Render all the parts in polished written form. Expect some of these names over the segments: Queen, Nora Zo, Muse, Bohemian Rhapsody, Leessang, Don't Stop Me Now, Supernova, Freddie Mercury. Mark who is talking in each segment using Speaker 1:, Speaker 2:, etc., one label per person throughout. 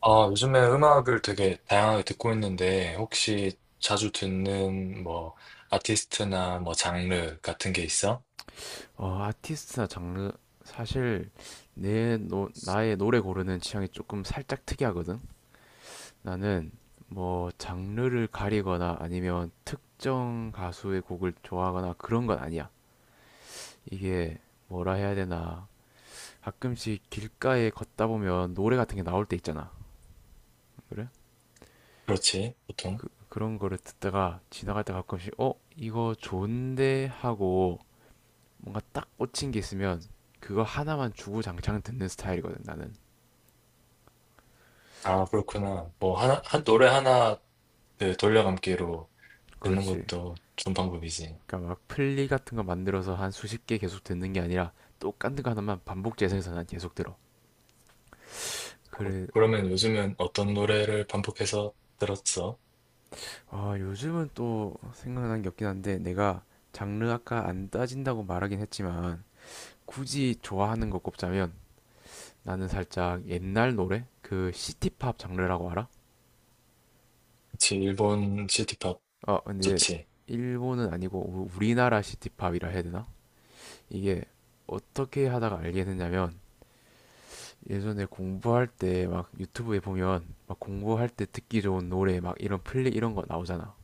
Speaker 1: 아, 요즘에 음악을 되게 다양하게 듣고 있는데, 혹시 자주 듣는 뭐, 아티스트나 뭐, 장르 같은 게 있어?
Speaker 2: 아티스트나 장르 사실 나의 노래 고르는 취향이 조금 살짝 특이하거든. 나는 뭐 장르를 가리거나 아니면 특정 가수의 곡을 좋아하거나 그런 건 아니야. 이게 뭐라 해야 되나. 가끔씩 길가에 걷다 보면 노래 같은 게 나올 때 있잖아. 그래?
Speaker 1: 그렇지, 보통.
Speaker 2: 그런 거를 듣다가 지나갈 때 가끔씩 이거 좋은데 하고 뭔가 딱 꽂힌 게 있으면 그거 하나만 주구장창 듣는 스타일이거든, 나는.
Speaker 1: 아, 그렇구나. 뭐, 하나, 한 노래 하나 그 돌려감기로 듣는
Speaker 2: 그렇지.
Speaker 1: 것도 좋은 방법이지.
Speaker 2: 그러니까 막 플리 같은 거 만들어서 한 수십 개 계속 듣는 게 아니라 똑같은 거 하나만 반복 재생해서 난 계속 들어. 그래.
Speaker 1: 그러면 요즘은 어떤 노래를 반복해서 들었어?
Speaker 2: 아, 요즘은 또 생각나는 게 없긴 한데 내가 장르 아까 안 따진다고 말하긴 했지만 굳이 좋아하는 거 꼽자면 나는 살짝 옛날 노래? 그 시티팝 장르라고 알아?
Speaker 1: 그치, 일본 시티팝
Speaker 2: 어, 근데
Speaker 1: 좋지.
Speaker 2: 일본은 아니고 우리나라 시티팝이라 해야 되나? 이게 어떻게 하다가 알게 됐냐면 예전에 공부할 때 막 유튜브에 보면 막 공부할 때 듣기 좋은 노래 막 이런 플리 이런 거 나오잖아.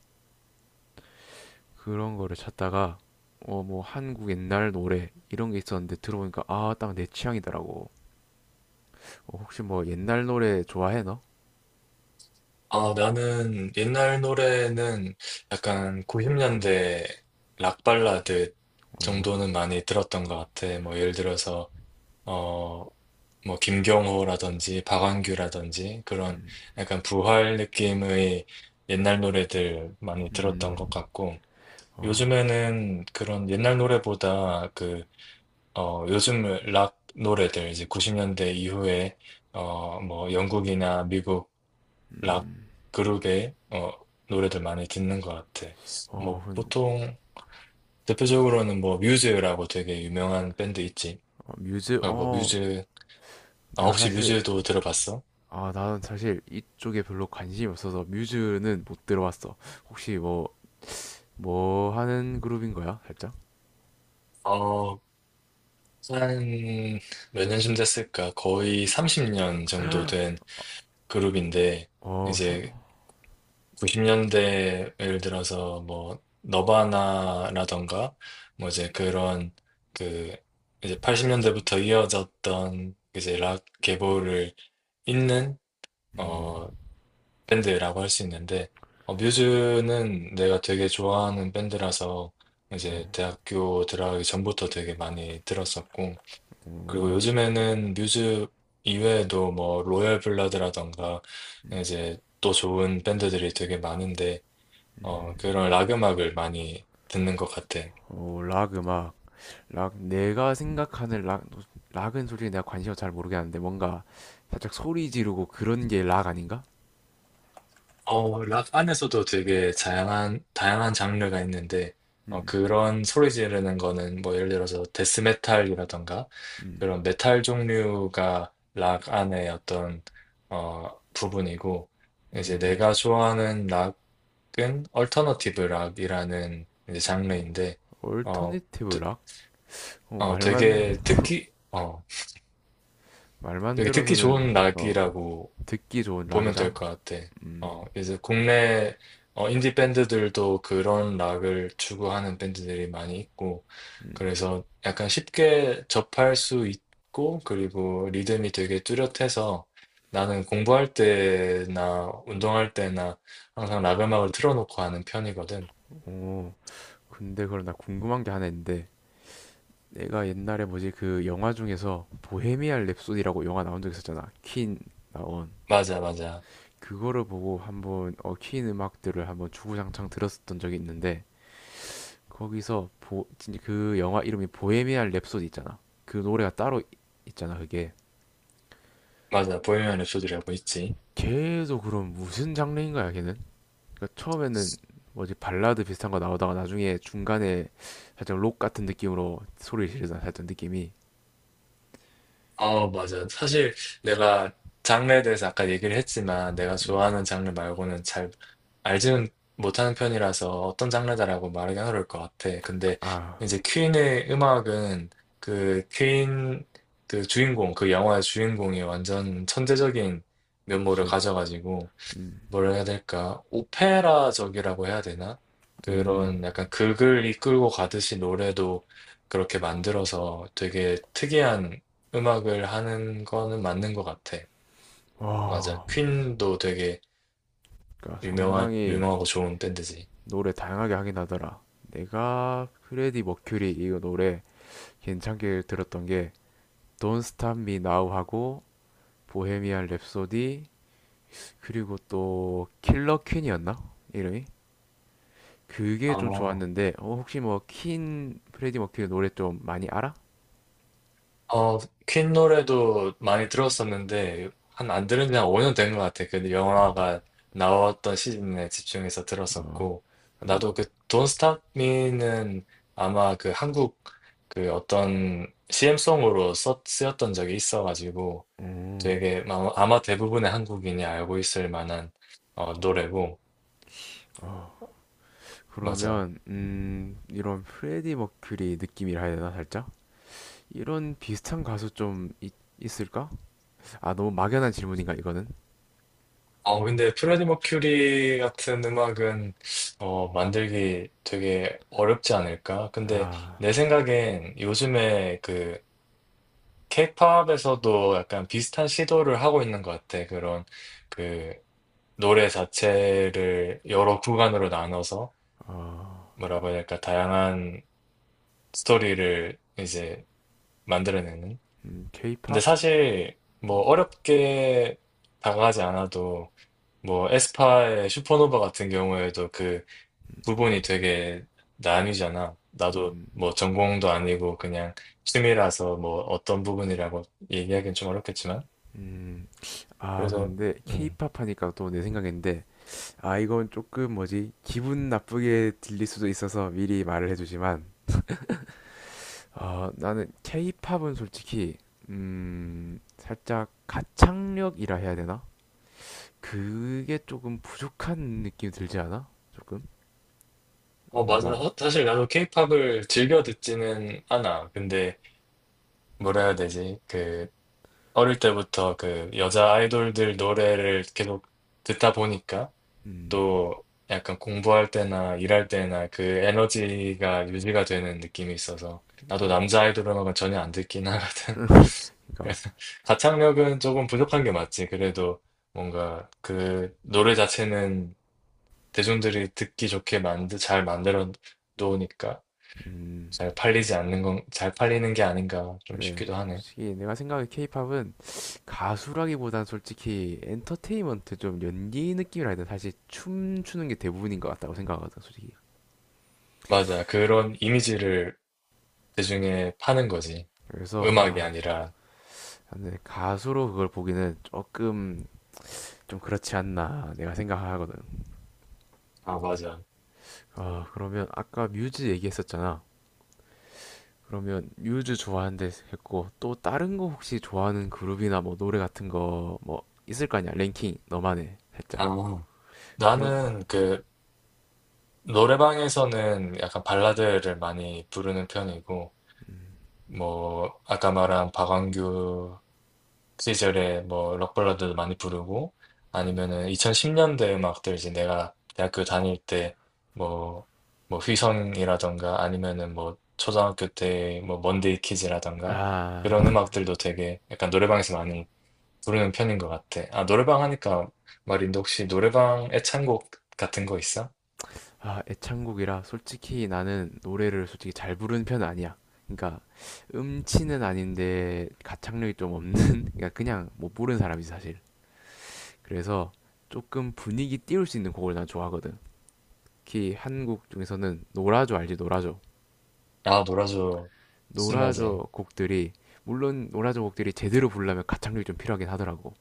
Speaker 2: 그런 거를 찾다가 어 뭐 한국 옛날 노래 이런 게 있었는데 들어보니까 아 딱 내 취향이더라고. 어, 혹시 뭐 옛날 노래 좋아해 너?
Speaker 1: 아, 나는 옛날 노래는 약간 90년대 락 발라드
Speaker 2: 어.
Speaker 1: 정도는 많이 들었던 것 같아. 뭐 예를 들어서 어, 뭐 김경호라든지 박완규라든지 그런
Speaker 2: 음.
Speaker 1: 약간 부활 느낌의 옛날 노래들 많이 들었던
Speaker 2: 음.
Speaker 1: 것 같고,
Speaker 2: 어.
Speaker 1: 요즘에는 그런 옛날 노래보다 그 요즘 락 노래들, 이제 90년대 이후에 뭐 영국이나 미국 락
Speaker 2: 음.
Speaker 1: 그룹의 노래들 많이 듣는 것 같아.
Speaker 2: 어.
Speaker 1: 뭐
Speaker 2: 그.
Speaker 1: 보통 대표적으로는 뭐 뮤즈라고 되게 유명한 밴드 있지.
Speaker 2: 어, 뮤즈
Speaker 1: 뭐
Speaker 2: 어
Speaker 1: 뮤즈, 아
Speaker 2: 내가
Speaker 1: 혹시
Speaker 2: 사실
Speaker 1: 뮤즈도 들어봤어?
Speaker 2: 아 나는 사실 이쪽에 별로 관심이 없어서 뮤즈는 못 들어봤어. 혹시 뭐 뭐 하는 그룹인 거야? 살짝?
Speaker 1: 어, 한 몇 년쯤 됐을까? 거의 30년 정도 된 그룹인데,
Speaker 2: 어.
Speaker 1: 이제 90년대, 예를 들어서 뭐 너바나라던가 뭐 이제 그런, 그 이제 80년대부터 이어졌던 이제 락 계보를 있는
Speaker 2: 음.
Speaker 1: 어, 밴드라고 할 수 있는데, 뮤즈는 내가 되게 좋아하는 밴드라서
Speaker 2: 어.
Speaker 1: 이제 대학교 들어가기 전부터 되게 많이 들었었고, 그리고
Speaker 2: 어.
Speaker 1: 요즘에는 뮤즈 이외에도 뭐 로얄 블러드라던가 이제 또 좋은 밴드들이 되게 많은데, 그런 락 음악을 많이 듣는 것 같아.
Speaker 2: 어. 락 음악, 락, 내가 생각하는 락, 락은 솔직히 내가 관심을 잘 모르겠는데 뭔가 살짝 소리 지르고 그런 게 락 아닌가?
Speaker 1: 락 안에서도 되게 다양한 장르가 있는데,
Speaker 2: 음.
Speaker 1: 그런 소리 지르는 거는 뭐 예를 들어서 데스메탈이라던가
Speaker 2: 음.
Speaker 1: 그런 메탈 종류가 락 안의 어떤, 부분이고, 이제
Speaker 2: 음.
Speaker 1: 내가 좋아하는 락은 얼터너티브 락이라는 이제
Speaker 2: 어,
Speaker 1: 장르인데, 어,
Speaker 2: 얼터네티브
Speaker 1: 드-
Speaker 2: 락? 어,
Speaker 1: 어,
Speaker 2: 말만,
Speaker 1: 되게 듣기, 어,
Speaker 2: 말만
Speaker 1: 되게 듣기
Speaker 2: 들어서는,
Speaker 1: 좋은
Speaker 2: 어,
Speaker 1: 락이라고
Speaker 2: 듣기 좋은
Speaker 1: 보면 될
Speaker 2: 락이다?
Speaker 1: 것 같아.
Speaker 2: 음.
Speaker 1: 이제 국내 인디 밴드들도 그런 락을 추구하는 밴드들이 많이 있고,
Speaker 2: 음.
Speaker 1: 그래서 약간 쉽게 접할 수 있고, 그리고 리듬이 되게 뚜렷해서 나는 공부할 때나 운동할 때나 항상 락 음악을 틀어놓고 하는 편이거든.
Speaker 2: 어, 근데 그럼 나 궁금한 게 하나 있는데, 내가 옛날에 뭐지, 그 영화 중에서 보헤미안 랩소디라고 영화 나온 적 있었잖아. 퀸 나온.
Speaker 1: 맞아, 맞아.
Speaker 2: 그거를 보고 한번 얽힌 음악들을 한번 주구장창 들었었던 적이 있는데 거기서 진짜 그 영화 이름이 보헤미안 랩소디 있잖아. 그 노래가 따로 있잖아. 그게
Speaker 1: 맞아. 보헤미안 랩소디라고 있지.
Speaker 2: 계속 그럼 무슨 장르인 거야 걔는? 그러니까 처음에는 뭐지 발라드 비슷한 거 나오다가 나중에 중간에 살짝 록 같은 느낌으로 소리를 지르잖아. 살짝 느낌이.
Speaker 1: 아, 맞아요. 사실 내가 장르에 대해서 아까 얘기를 했지만 내가
Speaker 2: 음.
Speaker 1: 좋아하는 장르 말고는 잘 알지는 못하는 편이라서 어떤 장르다라고 말하기 어려울 것 같아. 근데
Speaker 2: 아,
Speaker 1: 이제 퀸의 음악은, 그 퀸, 그 주인공, 그 영화의 주인공이 완전 천재적인 면모를
Speaker 2: 그렇지.
Speaker 1: 가져가지고,
Speaker 2: 음.
Speaker 1: 뭐라 해야 될까? 오페라적이라고 해야 되나?
Speaker 2: 음.
Speaker 1: 그런 약간 극을 이끌고 가듯이 노래도 그렇게 만들어서 되게 특이한 음악을 하는 거는 맞는 것 같아. 맞아.
Speaker 2: 와.
Speaker 1: 퀸도 되게
Speaker 2: 그러니까 상당히
Speaker 1: 유명하고 좋은 밴드지.
Speaker 2: 노래 다양하게 하긴 하더라. 내가 프레디 머큐리 이거 노래 괜찮게 들었던 게 Don't Stop Me Now 하고 보헤미안 랩소디 그리고 또 킬러 퀸이었나? 이름이? 그게 좀
Speaker 1: 아.
Speaker 2: 좋았는데 어, 혹시 뭐 퀸 프레디 머큐리 노래 좀 많이 알아?
Speaker 1: 어 퀸 노래도 많이 들었었는데 한 안 들은 지 한 5년 된 것 같아. 그 영화가 나왔던 시즌에 집중해서
Speaker 2: 어.
Speaker 1: 들었었고, 나도 그 Don't Stop Me는 아마 그 한국, 그 어떤 CM송으로 쓰였던 적이 있어가지고
Speaker 2: 음.
Speaker 1: 되게 아마 대부분의 한국인이 알고 있을 만한 노래고.
Speaker 2: 어.
Speaker 1: 맞아.
Speaker 2: 그러면 이런 프레디 머큐리 느낌이라 해야 되나 살짝? 이런 비슷한 가수 좀 있, 있을까? 아 너무 막연한 질문인가 이거는?
Speaker 1: 근데 프레디 머큐리 같은 음악은 만들기 되게 어렵지 않을까? 근데
Speaker 2: 아.
Speaker 1: 내 생각엔 요즘에 그 케이팝에서도 약간 비슷한 시도를 하고 있는 것 같아. 그런, 그 노래 자체를 여러 구간으로 나눠서
Speaker 2: 어.
Speaker 1: 뭐라고 해야 될까? 다양한 스토리를 이제 만들어내는.
Speaker 2: 음.
Speaker 1: 근데
Speaker 2: K-pop?
Speaker 1: 사실 뭐
Speaker 2: 음.
Speaker 1: 어렵게 다가가지 않아도, 뭐 에스파의 슈퍼노바 같은 경우에도 그 부분이 되게 나뉘잖아. 나도
Speaker 2: 음.
Speaker 1: 뭐 전공도 아니고 그냥 취미라서 뭐 어떤 부분이라고 얘기하기는 좀 어렵겠지만.
Speaker 2: 음. 아,
Speaker 1: 그래서,
Speaker 2: 근데
Speaker 1: 음.
Speaker 2: 케이팝 하니까 또 내 생각인데, 아, 이건 조금 뭐지, 기분 나쁘게 들릴 수도 있어서 미리 말을 해주지만, 아, 나는 케이팝은 솔직히, 살짝 가창력이라 해야 되나? 그게 조금 부족한 느낌이 들지 않아? 조금?
Speaker 1: 맞아.
Speaker 2: 그러니까.
Speaker 1: 사실 나도 케이팝을 즐겨 듣지는 않아. 근데 뭐라 해야 되지? 그, 어릴 때부터 그 여자 아이돌들 노래를 계속 듣다 보니까
Speaker 2: 음.
Speaker 1: 또 약간 공부할 때나 일할 때나 그 에너지가 유지가 되는 느낌이 있어서, 나도
Speaker 2: 그러니까.
Speaker 1: 남자 아이돌 음악은 전혀 안 듣긴 하거든.
Speaker 2: 그러니까.
Speaker 1: 그래서 가창력은 조금 부족한 게 맞지. 그래도 뭔가 그 노래 자체는 대중들이 듣기 좋게 잘 만들어 놓으니까
Speaker 2: 음.
Speaker 1: 잘 팔리지 않는 건, 잘 팔리는 게 아닌가 좀
Speaker 2: 그래.
Speaker 1: 싶기도 하네.
Speaker 2: 솔직히 내가 생각해 케이팝은 가수라기보단 솔직히 엔터테인먼트 좀 연기 느낌이라 해야 되나? 사실 춤추는 게 대부분인 것 같다고 생각하거든, 솔직히.
Speaker 1: 맞아. 그런 이미지를 대중에 파는 거지.
Speaker 2: 그래서
Speaker 1: 음악이
Speaker 2: 아,
Speaker 1: 아니라.
Speaker 2: 근데 가수로 그걸 보기는 조금 좀 그렇지 않나 내가 생각하거든.
Speaker 1: 아, 맞아.
Speaker 2: 아, 그러면 아까 뮤즈 얘기했었잖아. 그러면 뮤즈 좋아하는데 했고 또 다른 거 혹시 좋아하는 그룹이나 뭐 노래 같은 거 뭐 있을 거 아니야? 랭킹 너만의 살짝.
Speaker 1: 아.
Speaker 2: 그럼
Speaker 1: 나는 그 노래방에서는 약간 발라드를 많이 부르는 편이고,
Speaker 2: 음,
Speaker 1: 뭐, 아까 말한 박완규 그 시절에 뭐 록발라드도 많이 부르고, 아니면은 2010년대 음악들, 이제 내가 대학교 다닐 때 뭐 뭐 휘성이라던가, 아니면은 뭐 초등학교 때 뭐 먼데이 키즈라던가,
Speaker 2: 아
Speaker 1: 그런 음악들도 되게 약간 노래방에서 많이 부르는 편인 것 같아. 아, 노래방 하니까 말인데, 혹시 노래방 애창곡 같은 거 있어?
Speaker 2: 아, 애창곡이라 솔직히 나는 노래를 솔직히 잘 부르는 편은 아니야. 그러니까 음치는 아닌데 가창력이 좀 없는 그러니까 그냥 못 부르는 사람이지 사실. 그래서 조금 분위기 띄울 수 있는 곡을 난 좋아하거든. 특히 한국 중에서는 노라조 알지? 노라조.
Speaker 1: 아, 놀아줘 신나지.
Speaker 2: 노라조 곡들이 물론 노라조 곡들이 제대로 부르려면 가창력이 좀 필요하긴 하더라고.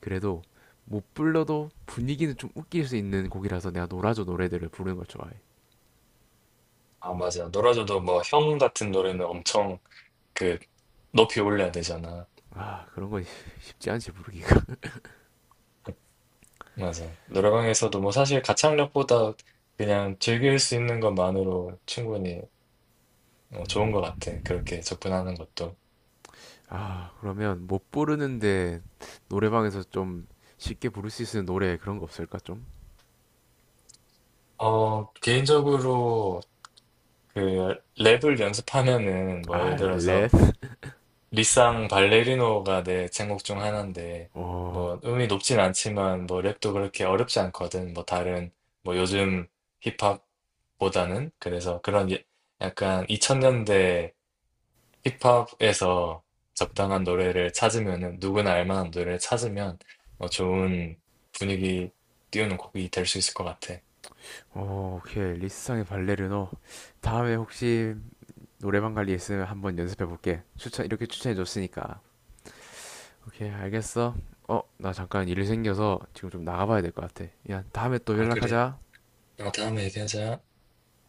Speaker 2: 그래도 못 불러도 분위기는 좀 웃길 수 있는 곡이라서 내가 노라조 노래들을 부르는 걸 좋아해.
Speaker 1: 아, 맞아. 놀아줘도 뭐 형 같은 노래는 엄청 그 높이 올려야 되잖아.
Speaker 2: 아, 그런 건 쉽지 않지 부르기가.
Speaker 1: 맞아. 노래방에서도 뭐 사실 가창력보다 그냥 즐길 수 있는 것만으로 충분히 좋은
Speaker 2: 음.
Speaker 1: 것 같아. 그렇게 접근하는 것도.
Speaker 2: 아, 그러면 못 부르는데 노래방에서 좀 쉽게 부를 수 있는 노래 그런 거 없을까 좀?
Speaker 1: 개인적으로 그 랩을 연습하면은 뭐 예를
Speaker 2: 아, 렛.
Speaker 1: 들어서 리쌍 발레리노가 내 제목 중 하나인데,
Speaker 2: 어.
Speaker 1: 뭐 음이 높진 않지만 뭐 랩도 그렇게 어렵지 않거든. 뭐 다른, 뭐 요즘 힙합보다는, 그래서 그런 약간 2000년대 힙합에서
Speaker 2: 음.
Speaker 1: 적당한 노래를 찾으면은, 누구나 알 만한 노래를 찾으면 좋은 분위기 띄우는 곡이 될 수 있을 것 같아.
Speaker 2: 어, 오케이. 리스상의 발레르노. 다음에 혹시 노래방 관리 있으면 한번 연습해 볼게. 추천, 이렇게 추천해 줬으니까. 오케이, 알겠어. 어, 나 잠깐 일이 생겨서 지금 좀 나가봐야 될 것 같아. 야, 다음에 또
Speaker 1: 아, 그래.
Speaker 2: 연락하자.
Speaker 1: 다음에 얘기하자.